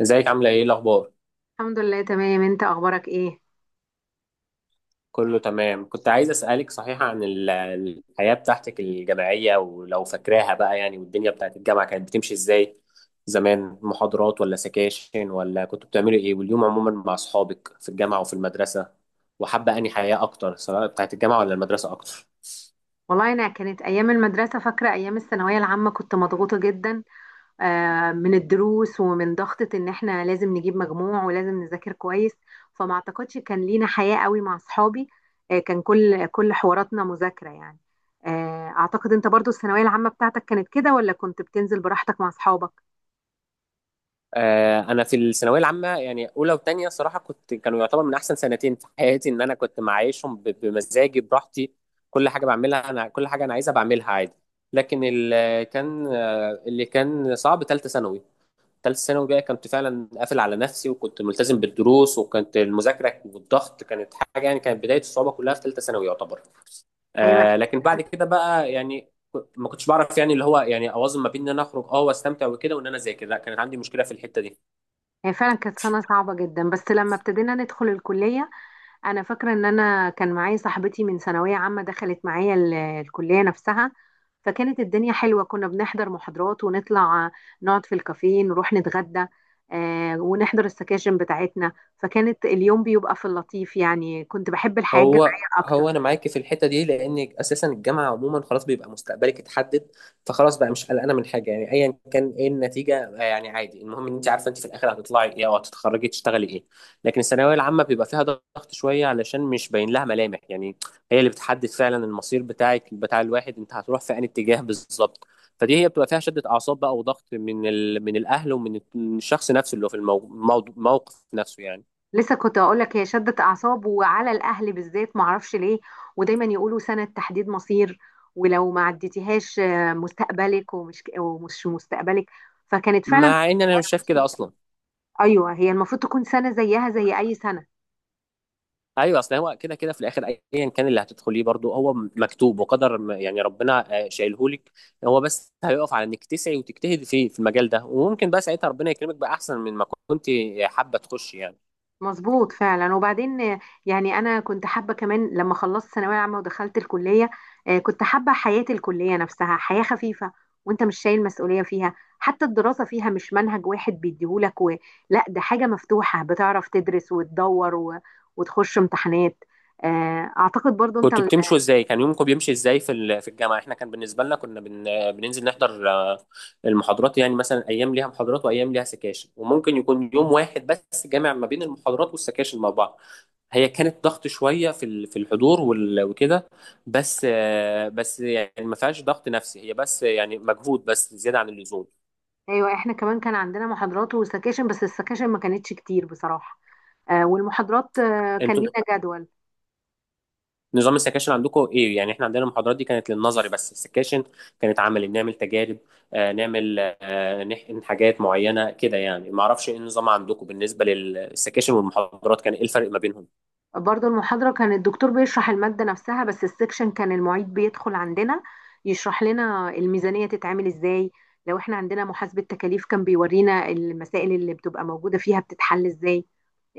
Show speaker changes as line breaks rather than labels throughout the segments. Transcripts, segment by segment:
ازيك عاملة ايه الأخبار؟
الحمد لله، تمام. انت اخبارك ايه؟
كله تمام. كنت عايز أسألك صحيح عن الحياة بتاعتك الجامعية ولو فاكراها بقى يعني، والدنيا بتاعت الجامعة كانت بتمشي ازاي زمان؟ محاضرات ولا سكاشن ولا كنتوا بتعملوا ايه؟ واليوم عموما مع أصحابك في الجامعة وفي المدرسة، وحابة أنهي حياة أكتر سواء بتاعت الجامعة ولا المدرسة أكتر؟
والله انا كانت ايام المدرسه، فاكره ايام الثانويه العامه كنت مضغوطه جدا. من الدروس ومن ضغطه ان احنا لازم نجيب مجموع ولازم نذاكر كويس. فما اعتقدش كان لينا حياه قوي مع اصحابي. كان كل حواراتنا مذاكره يعني. اعتقد انت برضو الثانويه العامه بتاعتك كانت كده، ولا كنت بتنزل براحتك مع اصحابك؟
آه، انا في الثانويه العامه يعني اولى وثانيه صراحه كانوا يعتبر من احسن سنتين في حياتي، ان انا كنت معايشهم بمزاجي براحتي. كل حاجه بعملها، انا كل حاجه انا عايزها بعملها عادي. لكن اللي كان صعب ثالثه ثانوي. ثالثه ثانوي بقى كنت فعلا قافل على نفسي وكنت ملتزم بالدروس، وكانت المذاكره والضغط كانت حاجه يعني، كانت بدايه الصعوبه كلها في ثالثه ثانوي يعتبر.
ايوه،
لكن بعد كده بقى يعني ما كنتش بعرف يعني اللي هو يعني اوازن ما بين ان انا اخرج واستمتع وكده وان انا اذاكر. لا، كانت عندي مشكله في الحته دي.
هي فعلا كانت سنه صعبه جدا، بس لما ابتدينا ندخل الكليه. انا فاكره ان انا كان معايا صاحبتي من ثانويه عامه، دخلت معايا الكليه نفسها. فكانت الدنيا حلوه، كنا بنحضر محاضرات ونطلع، نقعد في الكافيه، نروح نتغدى، ونحضر السكاشن بتاعتنا. فكانت اليوم بيبقى في اللطيف يعني، كنت بحب الحياه
هو
الجامعيه اكتر.
هو انا معاك في الحته دي، لان اساسا الجامعه عموما خلاص بيبقى مستقبلك اتحدد. فخلاص بقى مش قلقانه من حاجه يعني، ايا كان ايه النتيجه، يعني عادي. المهم ان انت عارفه انت في الاخر هتطلعي ايه او هتتخرجي تشتغلي ايه. لكن الثانويه العامه بيبقى فيها ضغط شويه علشان مش باين لها ملامح يعني. هي اللي بتحدد فعلا المصير بتاعك، بتاع الواحد، انت هتروح في انهي اتجاه بالظبط. فدي هي بتبقى فيها شده اعصاب بقى وضغط من من الاهل ومن الشخص نفسه اللي هو في الموقف نفسه يعني.
لسه كنت اقول لك، هي شدت اعصاب وعلى الاهل بالذات، معرفش ليه. ودايما يقولوا سنه تحديد مصير، ولو ما عديتيهاش مستقبلك ومش مستقبلك. فكانت فعلا.
مع ان انا مش شايف كده اصلا.
ايوه، هي المفروض تكون سنه زيها زي اي سنه.
ايوه، اصل هو كده كده في الاخر. ايا كان اللي هتدخليه برضو هو مكتوب وقدر، يعني ربنا شايلهولك. هو بس هيقف على انك تسعي وتجتهدي فيه في المجال ده، وممكن بقى ساعتها ربنا يكرمك باحسن من ما كنت حابه تخشي يعني.
مظبوط فعلا. وبعدين يعني انا كنت حابه كمان لما خلصت ثانويه عامه ودخلت الكليه. كنت حابه حياه الكليه نفسها حياه خفيفه، وانت مش شايل مسؤوليه فيها، حتى الدراسه فيها مش منهج واحد بيديهولك و... لا، ده حاجه مفتوحه، بتعرف تدرس وتدور و... وتخش امتحانات. اعتقد برضو انت
كنتوا بتمشوا ازاي؟ كان يومكم بيمشي ازاي في في الجامعه؟ احنا كان بالنسبه لنا كنا بننزل نحضر المحاضرات يعني، مثلا ايام ليها محاضرات وايام ليها سكاشن وممكن يكون يوم واحد بس جامع ما بين المحاضرات والسكاشن مع بعض. هي كانت ضغط شويه في في الحضور وكده. بس بس يعني ما فيهاش ضغط نفسي، هي بس يعني مجهود بس زياده عن اللزوم.
ايوه، احنا كمان كان عندنا محاضرات وسكاشن، بس السكاشن ما كانتش كتير بصراحه. والمحاضرات كان
انتوا
لينا جدول.
نظام السكاشن عندكم ايه؟ يعني احنا عندنا المحاضرات دي كانت للنظري، بس السكاشن كانت عملي بنعمل تجارب، نعمل، نحقن حاجات معينه كده يعني. ما اعرفش ايه النظام عندكم بالنسبه للسكاشن والمحاضرات، كان ايه الفرق ما بينهم؟
برضو المحاضرة كان الدكتور بيشرح المادة نفسها، بس السكشن كان المعيد بيدخل عندنا يشرح لنا الميزانية تتعمل ازاي. لو احنا عندنا محاسبة تكاليف، كان بيورينا المسائل اللي بتبقى موجودة فيها بتتحل ازاي.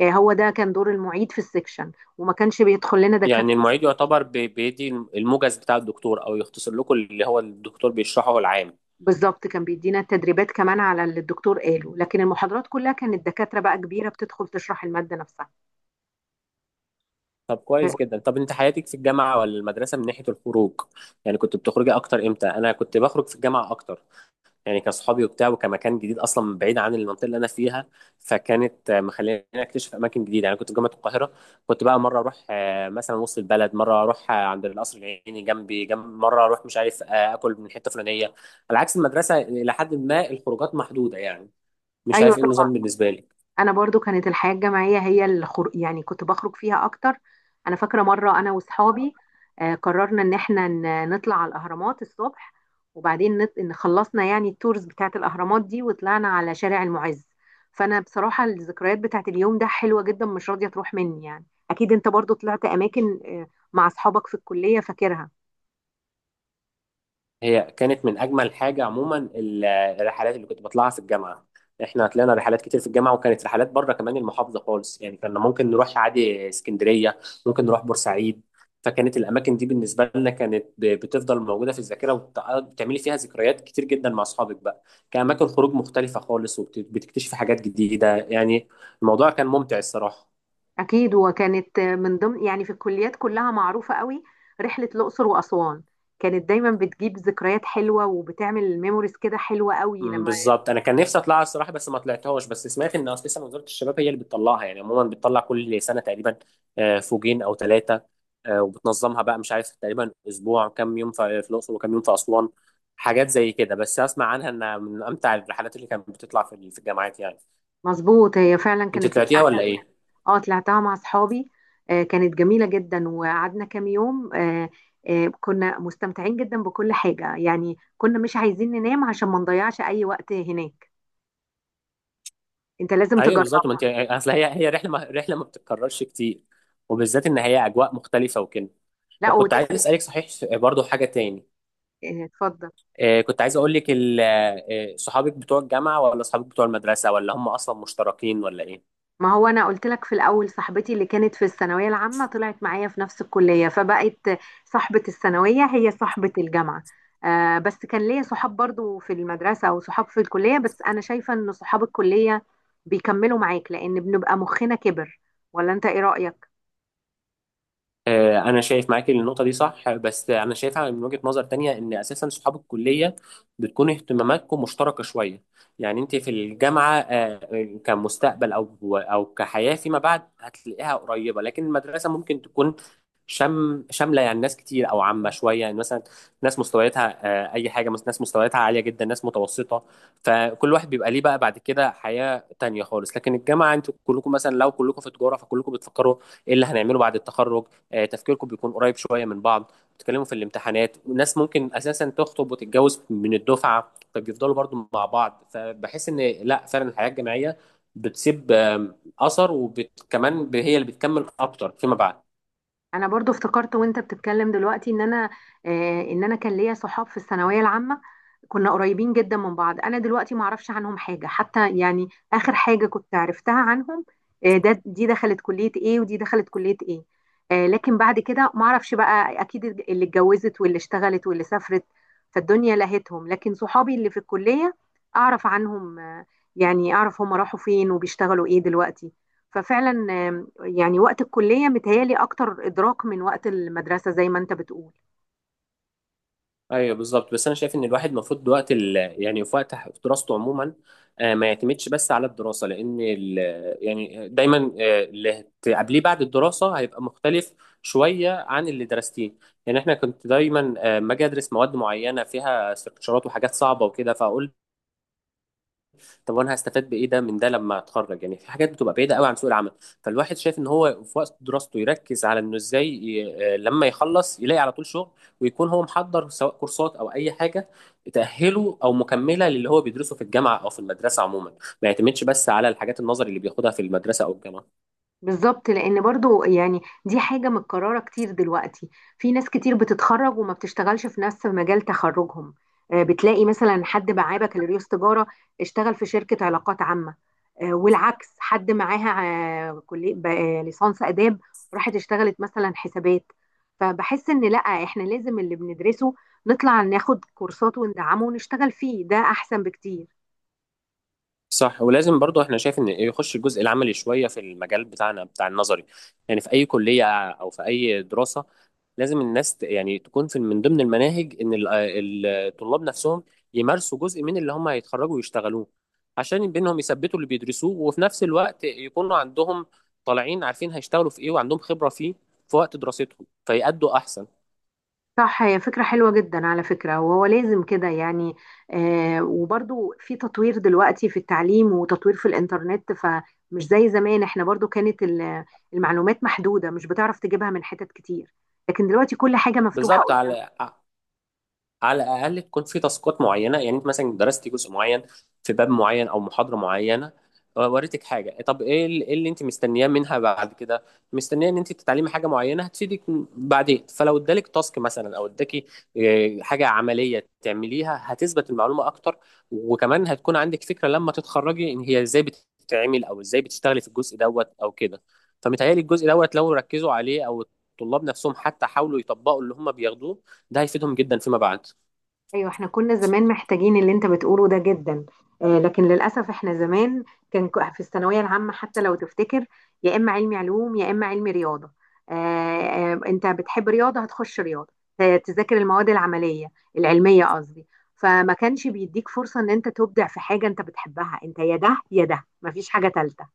هو ده كان دور المعيد في السكشن، وما كانش بيدخل لنا
يعني
دكاترة.
المعيد يعتبر بيدي الموجز بتاع الدكتور او يختصر لكم اللي هو الدكتور بيشرحه العام.
بالظبط، كان بيدينا التدريبات كمان على اللي الدكتور قاله، لكن المحاضرات كلها كانت دكاترة بقى كبيرة بتدخل تشرح المادة نفسها.
طب
آه،
كويس جدا. طب انت حياتك في الجامعه ولا المدرسه من ناحيه الخروج؟ يعني كنت بتخرجي اكتر امتى؟ انا كنت بخرج في الجامعه اكتر، يعني كاصحابي وبتاع وكمكان جديد اصلا بعيد عن المنطقه اللي انا فيها، فكانت مخليني اكتشف اماكن جديده يعني. كنت في جامعه القاهره، كنت بقى مره اروح مثلا وسط البلد، مره اروح عند القصر العيني جنب مره اروح مش عارف اكل من حته فلانيه. على عكس المدرسه الى حد ما الخروجات محدوده يعني. مش
ايوه
عارف ايه
طبعا.
النظام بالنسبه لي.
انا برضو كانت الحياه الجامعيه هي اللي يعني كنت بخرج فيها اكتر. انا فاكره مره انا واصحابي قررنا ان احنا نطلع على الاهرامات الصبح، وبعدين ان خلصنا يعني التورز بتاعت الاهرامات دي وطلعنا على شارع المعز. فانا بصراحه الذكريات بتاعت اليوم ده حلوه جدا، مش راضيه تروح مني يعني. اكيد انت برضو طلعت اماكن مع اصحابك في الكليه، فاكرها؟
هي كانت من اجمل حاجه عموما الرحلات اللي كنت بطلعها في الجامعه. احنا طلعنا رحلات كتير في الجامعه، وكانت رحلات بره كمان المحافظه خالص يعني. كنا ممكن نروح عادي اسكندريه، ممكن نروح بورسعيد. فكانت الاماكن دي بالنسبه لنا كانت بتفضل موجوده في الذاكره، وبتعملي فيها ذكريات كتير جدا مع اصحابك بقى، كاماكن خروج مختلفه خالص، وبتكتشفي حاجات جديده يعني. الموضوع كان ممتع الصراحه.
أكيد. وكانت من ضمن يعني في الكليات كلها معروفة قوي رحلة الأقصر وأسوان، كانت دايما بتجيب ذكريات حلوة، وبتعمل ميموريز كده حلوة قوي
مم،
لما...
بالظبط. انا كان نفسي اطلعها الصراحه بس ما طلعتهاش، بس سمعت ان اساسا وزاره الشباب هي اللي بتطلعها يعني، عموما بتطلع كل سنه تقريبا فوجين او ثلاثه، وبتنظمها بقى مش عارف تقريبا اسبوع، كام يوم في الاقصر وكام يوم في اسوان، حاجات زي كده. بس اسمع عنها انها من امتع الرحلات اللي كانت بتطلع في الجامعات يعني.
مظبوط، هي فعلا
انت
كانت من
طلعتيها
أحلى.
ولا ايه؟
اه، طلعتها مع أصحابي. كانت جميلة جدا، وقعدنا كام يوم. كنا مستمتعين جدا بكل حاجة، يعني كنا مش عايزين ننام عشان ما نضيعش أي وقت هناك. أنت لازم
ايوه
تجربها.
بالظبط. ما انت اصل هي رحله ما بتتكررش كتير، وبالذات ان هي اجواء مختلفه وكده.
لا،
طب كنت عايز
وتفرق.
اسالك صحيح، برضو حاجه تاني.
اتفضل.
كنت عايز اقول لك صحابك بتوع الجامعه ولا صحابك بتوع المدرسه، ولا هم اصلا مشتركين ولا ايه؟
ما هو انا قلت لك في الاول، صاحبتي اللي كانت في الثانويه العامه طلعت معايا في نفس الكليه، فبقت صاحبه الثانويه هي صاحبه الجامعه. آه، بس كان ليا صحاب برضو في المدرسه وصحاب في الكليه، بس انا شايفه ان صحاب الكليه بيكملوا معاك لان بنبقى مخنا كبر، ولا انت ايه رايك؟
انا شايف معاكي النقطه دي صح. بس انا شايفها من وجهه نظر تانية، ان اساسا صحاب الكليه بتكون اهتماماتكم مشتركه شويه. يعني انت في الجامعه كمستقبل او كحياه فيما بعد هتلاقيها قريبه، لكن المدرسه ممكن تكون شامله يعني، ناس كتير او عامه شويه يعني، مثلا ناس مستوياتها اي حاجه، مثلا ناس مستوياتها عاليه جدا، ناس متوسطه. فكل واحد بيبقى ليه بقى بعد كده حياه تانية خالص. لكن الجامعه انتوا كلكم مثلا لو كلكم في تجاره، فكلكم بتفكروا ايه اللي هنعمله بعد التخرج، تفكيركم بيكون قريب شويه من بعض. بتتكلموا في الامتحانات، ناس ممكن اساسا تخطب وتتجوز من الدفعه فبيفضلوا برضو مع بعض. فبحس ان لا، فعلا الحياه الجامعيه بتسيب اثر، وكمان هي اللي بتكمل اكتر فيما بعد.
انا برضو افتكرت وانت بتتكلم دلوقتي ان انا، كان ليا صحاب في الثانويه العامه، كنا قريبين جدا من بعض. انا دلوقتي ما اعرفش عنهم حاجه حتى، يعني اخر حاجه كنت عرفتها عنهم آه ده دي دخلت كليه ايه ودي دخلت كليه ايه. لكن بعد كده ما اعرفش بقى، اكيد اللي اتجوزت واللي اشتغلت واللي سافرت، فالدنيا لهتهم. لكن صحابي اللي في الكليه اعرف عنهم، يعني اعرف هم راحوا فين وبيشتغلوا ايه دلوقتي. ففعلا، يعني وقت الكلية متهيألي أكتر إدراك من وقت المدرسة زي ما أنت بتقول.
ايوه بالظبط. بس انا شايف ان الواحد المفروض وقت يعني في وقت في دراسته عموما ما يعتمدش بس على الدراسه، لان يعني دايما اللي هتقابليه بعد الدراسه هيبقى مختلف شويه عن اللي درستيه. يعني احنا كنت دايما ما اجي ادرس مواد معينه فيها استكشارات وحاجات صعبه وكده، فاقول طب وانا هستفاد بايه، ده من ده، لما اتخرج؟ يعني في حاجات بتبقى بعيده قوي عن سوق العمل. فالواحد شايف ان هو في وقت دراسته يركز على انه ازاي لما يخلص يلاقي على طول شغل، ويكون هو محضر سواء كورسات او اي حاجه تاهله او مكمله للي هو بيدرسه في الجامعه او في المدرسه عموما، ما يعتمدش بس على الحاجات النظري اللي بياخدها في المدرسه او الجامعه.
بالظبط، لأن برضو يعني دي حاجة متكررة كتير دلوقتي، في ناس كتير بتتخرج وما بتشتغلش في نفس مجال تخرجهم. بتلاقي مثلا حد معاه بكالوريوس تجارة اشتغل في شركة علاقات عامة. والعكس حد معاها كلية ليسانس آداب، راحت اشتغلت مثلا حسابات. فبحس إن لأ، إحنا لازم اللي بندرسه نطلع ناخد كورسات وندعمه ونشتغل فيه، ده أحسن بكتير.
صح. ولازم برضو احنا شايف ان يخش الجزء العملي شويه في المجال بتاعنا بتاع النظري. يعني في اي كليه او في اي دراسه، لازم الناس يعني تكون في من ضمن المناهج ان الطلاب نفسهم يمارسوا جزء من اللي هم هيتخرجوا ويشتغلوه، عشان بينهم يثبتوا اللي بيدرسوه وفي نفس الوقت يكونوا عندهم، طالعين عارفين هيشتغلوا في ايه وعندهم خبره فيه في وقت دراستهم فيأدوا احسن.
صح، هي فكرة حلوة جدا على فكرة، وهو لازم كده يعني. وبرضو في تطوير دلوقتي في التعليم وتطوير في الإنترنت، فمش زي زمان احنا برضو كانت المعلومات محدودة، مش بتعرف تجيبها من حتت كتير، لكن دلوقتي كل حاجة مفتوحة.
بالظبط. على الاقل تكون في تاسكات معينه. يعني انت مثلا درستي جزء معين في باب معين او محاضره معينه، وريتك حاجه، طب ايه إيه اللي انت مستنياه منها بعد كده، مستنيه ان انت تتعلمي حاجه معينه هتفيدك بعدين، فلو ادالك تاسك مثلا او اداكي حاجه عمليه تعمليها هتثبت المعلومه اكتر، وكمان هتكون عندك فكره لما تتخرجي ان هي ازاي بتتعمل او ازاي بتشتغلي في الجزء دوت او كده. فمتهيألي الجزء دوت لو ركزوا عليه او الطلاب نفسهم حتى حاولوا يطبقوا اللي هم بياخدوه ده هيفيدهم جدا فيما بعد.
ايوه، احنا كنا زمان محتاجين اللي انت بتقوله ده جدا. لكن للاسف احنا زمان كان في الثانويه العامه، حتى لو تفتكر، يا اما علمي علوم يا اما علمي رياضه. انت بتحب رياضه هتخش رياضه تذاكر المواد العمليه، العلميه قصدي. فما كانش بيديك فرصه ان انت تبدع في حاجه انت بتحبها، انت يا ده يا ده، مفيش حاجه تالته.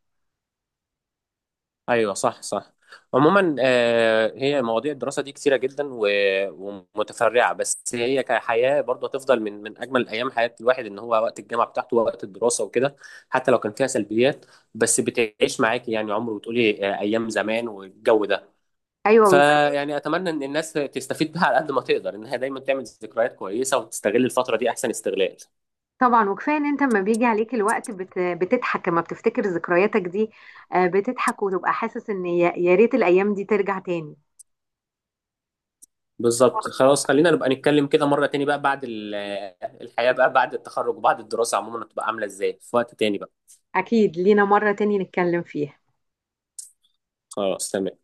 ايوه صح صح. عموما هي مواضيع الدراسه دي كتيره جدا ومتفرعه. بس هي كحياه برضه هتفضل من اجمل ايام حياه الواحد، ان هو وقت الجامعه بتاعته ووقت الدراسه وكده، حتى لو كان فيها سلبيات. بس بتعيش معاكي يعني عمر، وتقولي ايام زمان والجو ده.
ايوه
فيعني اتمنى ان الناس تستفيد بها على قد ما تقدر، انها دايما تعمل ذكريات كويسه وتستغل الفتره دي احسن استغلال.
طبعا. وكفايه ان انت لما بيجي عليك الوقت بتضحك لما بتفتكر ذكرياتك دي. بتضحك وتبقى حاسس ان يا ريت الايام دي ترجع تاني.
بالظبط. خلاص خلينا نبقى نتكلم كده مرة تاني بقى بعد الحياة بقى بعد التخرج، وبعد الدراسة عموما هتبقى عاملة ازاي في وقت تاني بقى.
اكيد لينا مره تاني نتكلم فيها.
خلاص تمام.